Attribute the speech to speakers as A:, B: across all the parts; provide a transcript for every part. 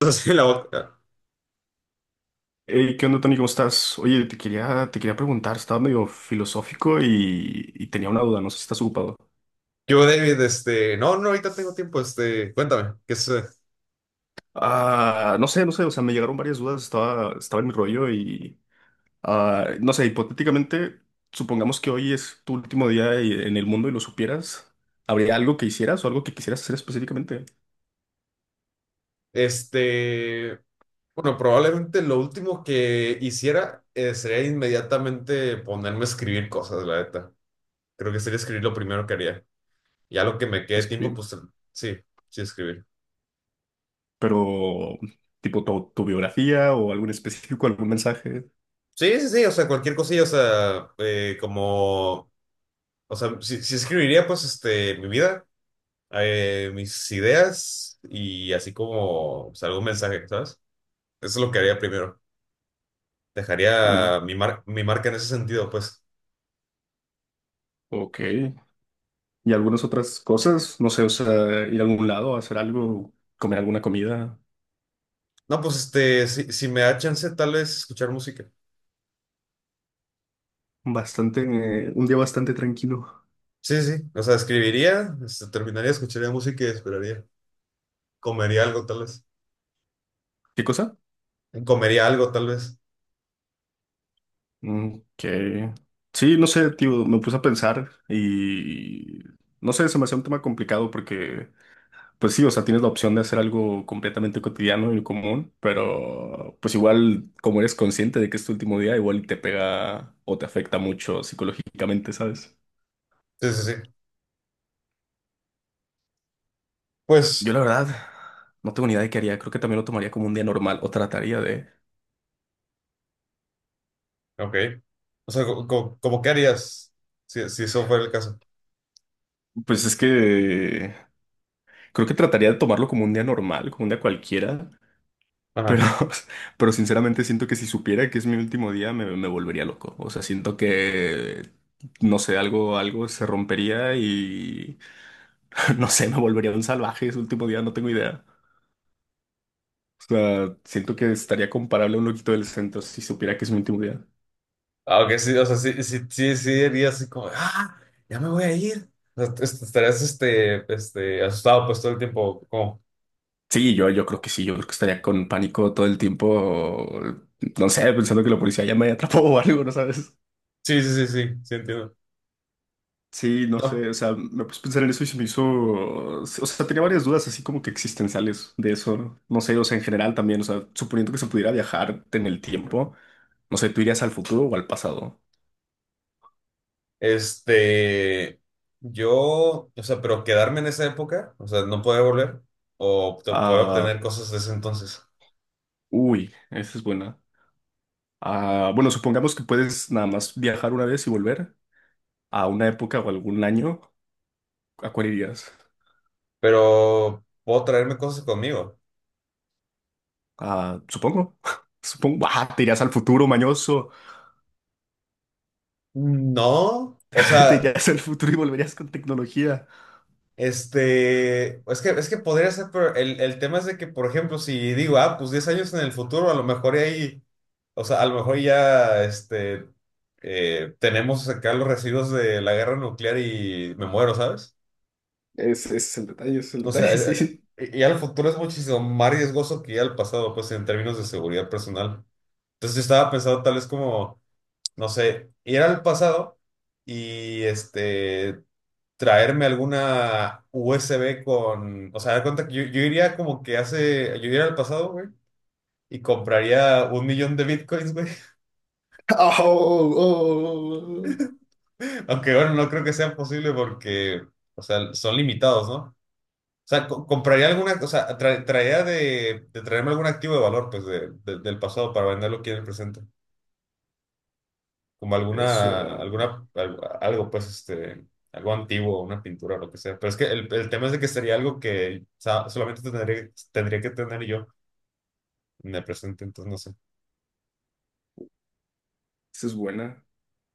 A: Así en la boca.
B: Hey, ¿qué onda, Tony? ¿Cómo estás? Oye, te quería preguntar, estaba medio filosófico y, tenía una duda, no sé si estás ocupado.
A: Yo, David, no, no, ahorita tengo tiempo, cuéntame, ¿qué es? eh,
B: Ah, no sé, o sea, me llegaron varias dudas, estaba en mi rollo y, ah, no sé, hipotéticamente, supongamos que hoy es tu último día en el mundo y lo supieras, ¿habría algo que hicieras o algo que quisieras hacer específicamente?
A: este, bueno, probablemente lo último que hiciera sería inmediatamente ponerme a escribir cosas, la neta. Creo que sería escribir lo primero que haría. Ya lo que me quede tiempo,
B: Escribir,
A: pues sí, sí escribir.
B: pero tipo tu biografía o algún específico, algún mensaje.
A: Sí, sí, sí, o sea, cualquier cosilla, o sea, como, o sea, sí, sí escribiría, pues, mi vida, mis ideas y así como, pues, algún mensaje, ¿sabes? Eso es lo que haría primero.
B: Mm,
A: Dejaría mi marca en ese sentido, pues.
B: ok. Y algunas otras cosas, no sé, o sea, ir a algún lado, hacer algo, comer alguna comida,
A: No, pues si me da chance, tal vez escuchar música.
B: bastante, un día bastante tranquilo.
A: Sí, sí, sí. O sea, escribiría, terminaría, escucharía música y esperaría. Comería algo, tal vez.
B: ¿Qué cosa?
A: Comería algo, tal vez.
B: Mm, que sí, no sé, tío, me puse a pensar y no sé, se me hacía un tema complicado porque pues sí, o sea, tienes la opción de hacer algo completamente cotidiano y común, pero pues igual, como eres consciente de que es tu último día, igual y te pega o te afecta mucho psicológicamente, ¿sabes?
A: Sí, sí, sí.
B: Yo
A: Pues,
B: la verdad no tengo ni idea de qué haría. Creo que también lo tomaría como un día normal o trataría de...
A: ok. O sea, como, ¿qué harías si eso fuera el caso?
B: Pues es que creo que trataría de tomarlo como un día normal, como un día cualquiera. Pero
A: Ajá.
B: pero sinceramente siento que si supiera que es mi último día me volvería loco. O sea, siento que, no sé, algo se rompería y, no sé, me volvería un salvaje ese último día, no tengo idea. O sea, siento que estaría comparable a un loquito del centro si supiera que es mi último día.
A: Ah, ok, sí, o sea, sí, sí, sí, sí, dirías así como, ah, ya me voy a ir. O sea, estarías, asustado pues todo el tiempo, como,
B: Sí, yo creo que sí, yo creo que estaría con pánico todo el tiempo, no sé, pensando que la policía ya me atrapó o algo, ¿no sabes?
A: sí, sí, sí, sí, sí, entiendo.
B: Sí, no
A: No.
B: sé, o sea, me puse a pensar en eso y se me hizo, o sea, tenía varias dudas así como que existenciales de eso, ¿no? No sé, o sea, en general también, o sea, suponiendo que se pudiera viajar en el tiempo, no sé, ¿tú irías al futuro o al pasado?
A: Este, yo, o sea, pero quedarme en esa época, o sea, no poder volver o poder
B: Ah,
A: obtener cosas de ese entonces,
B: uy, esa es buena. Ah, bueno, supongamos que puedes nada más viajar una vez y volver a una época o algún año, ¿a cuál irías?
A: pero puedo traerme cosas conmigo.
B: Ah, supongo. Supongo. Ah, te irías al futuro, mañoso.
A: No, o
B: Te
A: sea,
B: irías al futuro y volverías con tecnología.
A: es que podría ser, pero el tema es de que, por ejemplo, si digo, ah, pues 10 años en el futuro, a lo mejor y ahí, o sea, a lo mejor ya, tenemos acá los residuos de la guerra nuclear y me muero, ¿sabes?
B: Ese es el detalle, ese es el
A: O sea,
B: detalle, sí.
A: ir al futuro es muchísimo más riesgoso que ir al pasado, pues en términos de seguridad personal. Entonces yo estaba pensando tal vez como, no sé, ir al pasado y traerme alguna USB con, o sea, da cuenta que yo iría como que hace, yo iría al pasado, güey, y compraría 1 millón de bitcoins, güey.
B: Oh, oh, oh, oh.
A: Aunque bueno, no creo que sea posible porque, o sea, son limitados, ¿no? O sea, compraría alguna, o sea, traía de traerme algún activo de valor, pues, del pasado para venderlo aquí en el presente. Como alguna,
B: Eso,
A: algo, pues, algo antiguo, una pintura, lo que sea. Pero es que el tema es de que sería algo que, o sea, solamente tendría que tener yo en el presente, entonces no sé.
B: esa es buena,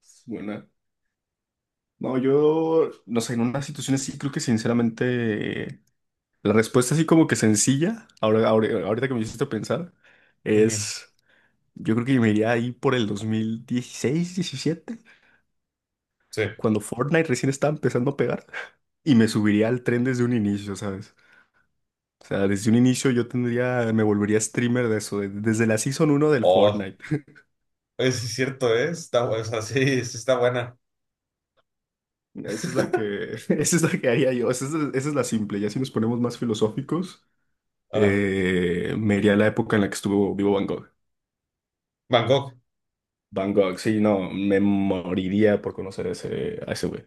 B: es buena. No, yo, no sé, en una situación así creo que sinceramente la respuesta así como que sencilla, ahora, ahorita que me hiciste pensar,
A: Ujú,
B: es, yo creo que me iría ahí por el 2016, 17,
A: sí.
B: cuando Fortnite recién estaba empezando a pegar. Y me subiría al tren desde un inicio, ¿sabes? O sea, desde un inicio yo tendría, me volvería streamer de eso, desde la Season 1 del
A: Oh,
B: Fortnite.
A: es cierto, ¿eh? Está, o sea, sí, sí está buena.
B: Esa es la que, esa es la que haría yo, esa es la simple. Ya si nos ponemos más filosóficos,
A: Ah,
B: me iría a la época en la que estuvo vivo Van Gogh.
A: Van Gogh.
B: Van Gogh, sí, no, me moriría por conocer a ese güey.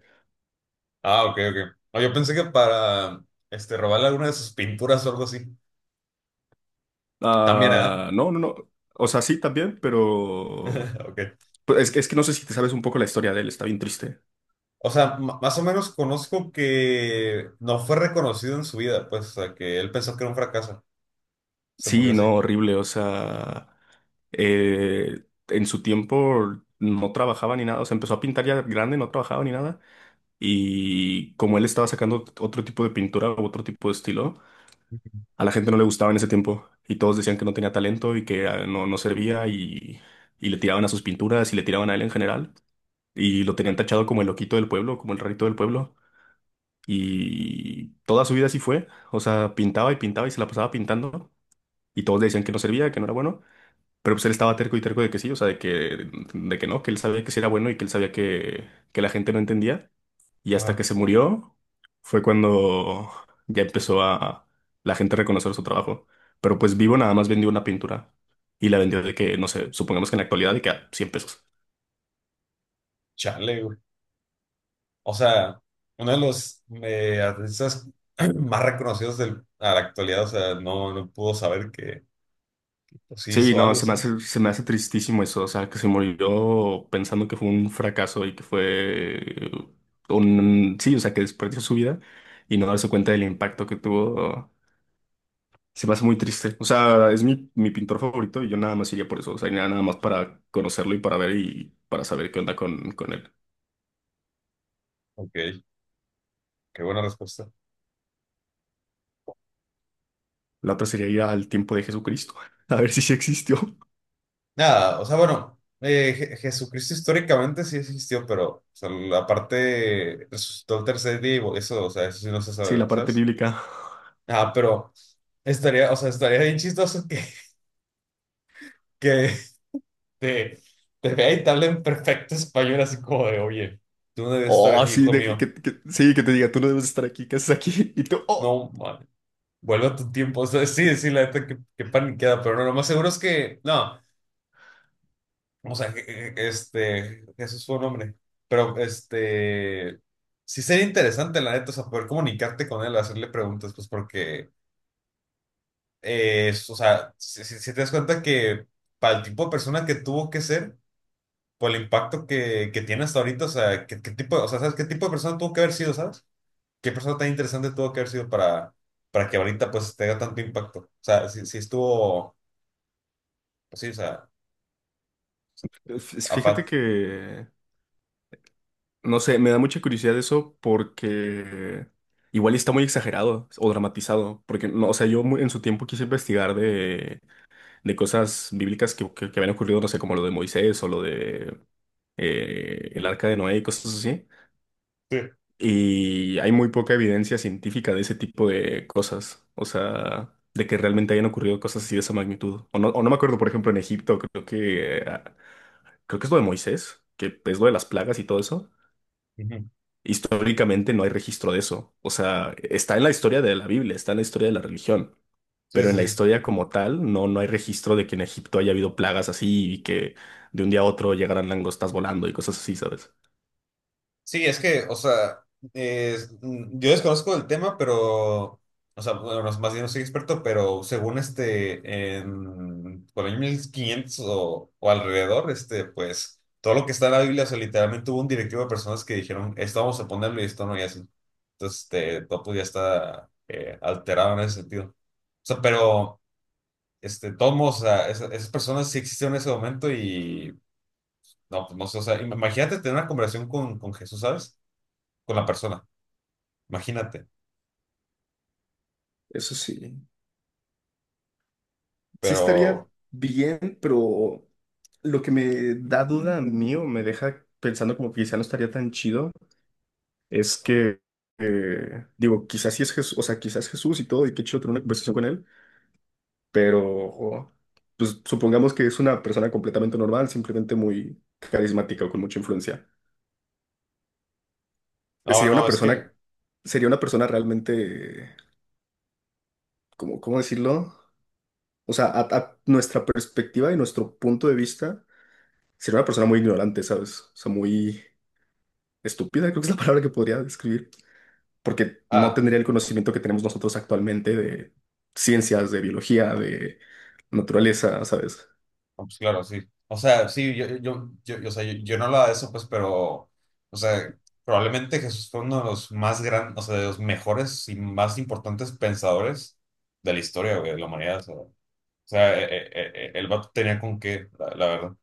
A: Ah, ok, ok. No, yo pensé que para, robarle alguna de sus pinturas o algo así. También, ¿eh?
B: Ah, no, no, no. O sea, sí, también, pero...
A: Ok.
B: Pero es que, es que no sé si te sabes un poco la historia de él, está bien triste.
A: O sea, más o menos conozco que no fue reconocido en su vida, pues, o sea, que él pensó que era un fracaso. Se murió
B: Sí,
A: así.
B: no, horrible. O sea, en su tiempo no trabajaba ni nada. O sea, empezó a pintar ya grande, no trabajaba ni nada. Y como él estaba sacando otro tipo de pintura o otro tipo de estilo, a la gente no le gustaba en ese tiempo. Y todos decían que no tenía talento y que ah, no, no servía y le tiraban a sus pinturas y le tiraban a él en general. Y lo
A: Güey.
B: tenían tachado como el loquito del pueblo, como el rarito del pueblo. Y toda su vida así fue. O sea, pintaba y pintaba y se la pasaba pintando. Y todos le decían que no servía, que no era bueno. Pero pues él estaba terco y terco de que sí, o sea, de que no, que él sabía que sí era bueno y que él sabía que la gente no entendía. Y hasta que
A: Ajá.
B: se murió fue cuando ya empezó a la gente a reconocer su trabajo. Pero pues vivo nada más vendió una pintura y la vendió de que, no sé, supongamos que en la actualidad de que a 100 pesos.
A: Chale, güey. O sea, uno de los artistas más reconocidos del, a la actualidad, o sea, no pudo saber que pues, sí
B: Sí,
A: hizo
B: no,
A: algo, ¿sabes?
B: se me hace tristísimo eso, o sea, que se murió pensando que fue un fracaso y que fue un, sí, o sea, que desperdició su vida y no darse cuenta del impacto que tuvo. Se me hace muy triste. O sea, es mi, mi pintor favorito y yo nada más iría por eso. O sea, iría nada más para conocerlo y para ver y para saber qué onda con él.
A: Ok, qué buena respuesta.
B: La otra sería ir al tiempo de Jesucristo, a ver si sí existió.
A: Nada, o sea, bueno, Jesucristo históricamente sí existió, pero o sea, la parte resucitó el tercer día y eso, o sea, eso sí no se
B: Sí, la
A: sabe,
B: parte
A: ¿sabes?
B: bíblica.
A: Ah, pero estaría, o sea, estaría bien chistoso que te, te vea y te hable en perfecto español, así como de, oye, tú no debes estar
B: Oh,
A: aquí,
B: sí,
A: hijo
B: de que,
A: mío.
B: sí, que te diga, tú no debes estar aquí, ¿qué haces aquí? Y tú, oh.
A: No, man, vuelve a tu tiempo. O sea, sí, sí, la neta, que paniqueada, pero no, lo más seguro es que, no, o sea, Jesús fue un hombre, pero sí sería interesante, la neta, o sea, poder comunicarte con él, hacerle preguntas, pues porque, o sea, si te das cuenta que para el tipo de persona que tuvo que ser, por el impacto que tiene hasta ahorita. O sea, ¿qué tipo? O sea, ¿sabes qué tipo de persona tuvo que haber sido? ¿Sabes? ¿Qué persona tan interesante tuvo que haber sido para que ahorita pues tenga tanto impacto? O sea, si estuvo, pues sí, o sea. a
B: Fíjate
A: fa-
B: que, no sé, me da mucha curiosidad eso porque igual está muy exagerado o dramatizado. Porque, no, o sea, yo en su tiempo quise investigar de cosas bíblicas que, que habían ocurrido, no sé, como lo de Moisés o lo de el arca de Noé y cosas así.
A: Sí.
B: Y hay muy poca evidencia científica de ese tipo de cosas, o sea, de que realmente hayan ocurrido cosas así de esa magnitud. O no me acuerdo, por ejemplo, en Egipto, creo que es lo de Moisés, que es lo de las plagas y todo eso.
A: Ujú.
B: Históricamente no hay registro de eso. O sea, está en la historia de la Biblia, está en la historia de la religión,
A: Sí,
B: pero en
A: sí,
B: la
A: sí.
B: historia como tal, no, no hay registro de que en Egipto haya habido plagas así y que de un día a otro llegaran langostas volando y cosas así, ¿sabes?
A: Sí, es que, o sea, yo desconozco el tema, pero, o sea, bueno, más bien no soy experto, pero según en, por el 1500 o alrededor, pues, todo lo que está en la Biblia, o sea, literalmente hubo un directivo de personas que dijeron, esto vamos a ponerlo y esto no, y así. Entonces, todo pues ya está alterado en ese sentido. O sea, pero, todos, o sea, esas, personas sí existieron en ese momento y, no, pues no sé, o sea, imagínate tener una conversación con Jesús, ¿sabes? Con la persona. Imagínate.
B: Eso sí, sí estaría
A: Pero,
B: bien, pero lo que me da duda a mí o me deja pensando como que quizá no estaría tan chido es que, digo, quizás sí es Jesús, o sea, quizás Jesús y todo, y qué chido tener una conversación con él, pero pues supongamos que es una persona completamente normal, simplemente muy carismática o con mucha influencia.
A: no,
B: Sería una
A: no, es que,
B: persona, sería una persona realmente, ¿cómo, cómo decirlo? O sea, a nuestra perspectiva y nuestro punto de vista, sería una persona muy ignorante, ¿sabes? O sea, muy estúpida, creo que es la palabra que podría describir, porque no
A: ah,
B: tendría el conocimiento que tenemos nosotros actualmente de ciencias, de biología, de naturaleza, ¿sabes?
A: no, pues claro, sí. O sea, sí, yo, o sea, yo no hablaba de eso, pues, pero, o sea, probablemente Jesús fue uno de los más grandes, o sea, de los mejores y más importantes pensadores de la historia, güey, de la humanidad. O sea, el vato tenía con qué, la verdad.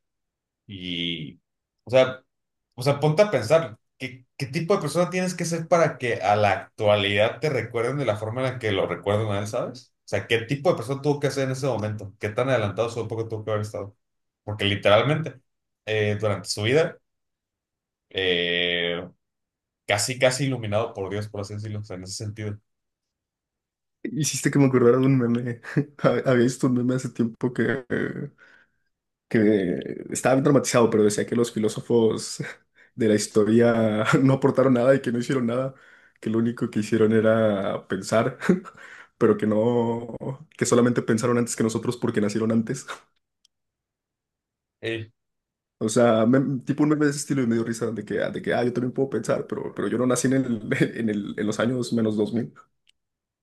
A: Y, o sea, o sea, ponte a pensar, ¿qué tipo de persona tienes que ser para que a la actualidad te recuerden de la forma en la que lo recuerdan a él? ¿Sabes? O sea, ¿qué tipo de persona tuvo que ser en ese momento? ¿Qué tan adelantado su época tuvo que haber estado? Porque literalmente, durante su vida, eh, casi, casi iluminado por Dios, por así decirlo, o sea, en ese sentido.
B: Hiciste que me acordara de un meme. Había visto un meme hace tiempo que estaba traumatizado, pero decía que los filósofos de la historia no aportaron nada y que no hicieron nada, que lo único que hicieron era pensar, pero que no, que solamente pensaron antes que nosotros porque nacieron antes.
A: Eh,
B: O sea, tipo un meme de ese estilo y medio risa de que, ah, yo también puedo pensar, pero yo no nací en el, en el, en los años menos 2000.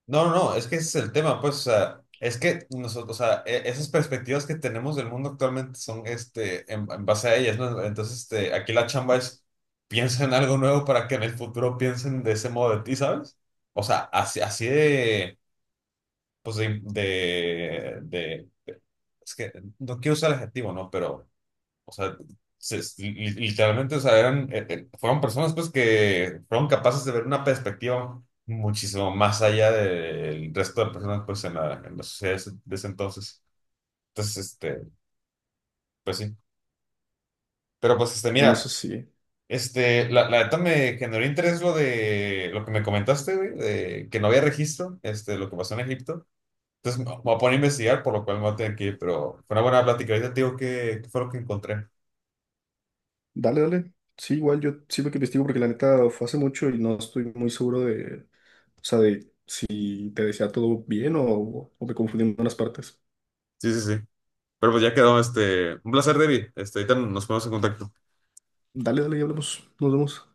A: No, no, no, es que ese es el tema, pues, o sea, es que nosotros, o sea, esas perspectivas que tenemos del mundo actualmente son, en base a ellas, ¿no? Entonces, aquí la chamba es, piensa en algo nuevo para que en el futuro piensen de ese modo de ti, ¿sabes? O sea, así, así de, pues, es que no quiero usar el adjetivo, ¿no? Pero o sea, literalmente, o sea, eran, fueron personas pues que fueron capaces de ver una perspectiva muchísimo más allá del resto de personas pues en la sociedad de ese entonces. Entonces, pues sí. Pero pues,
B: Bueno, eso
A: mira,
B: sí.
A: la neta me generó interés lo que me comentaste, güey, de que no había registro, lo que pasó en Egipto. Entonces me voy a poner a investigar, por lo cual me voy a tener que ir, pero fue una buena plática. Ahorita te digo qué qué fue lo que encontré.
B: Dale, dale. Sí, igual yo siempre que investigo porque la neta fue hace mucho y no estoy muy seguro de. O sea, de si te decía todo bien o me confundí en unas partes.
A: Sí, sí, sí. Pero pues ya quedó, un placer, David. Ahorita nos ponemos en contacto.
B: Dale, dale y hablamos. Nos vemos.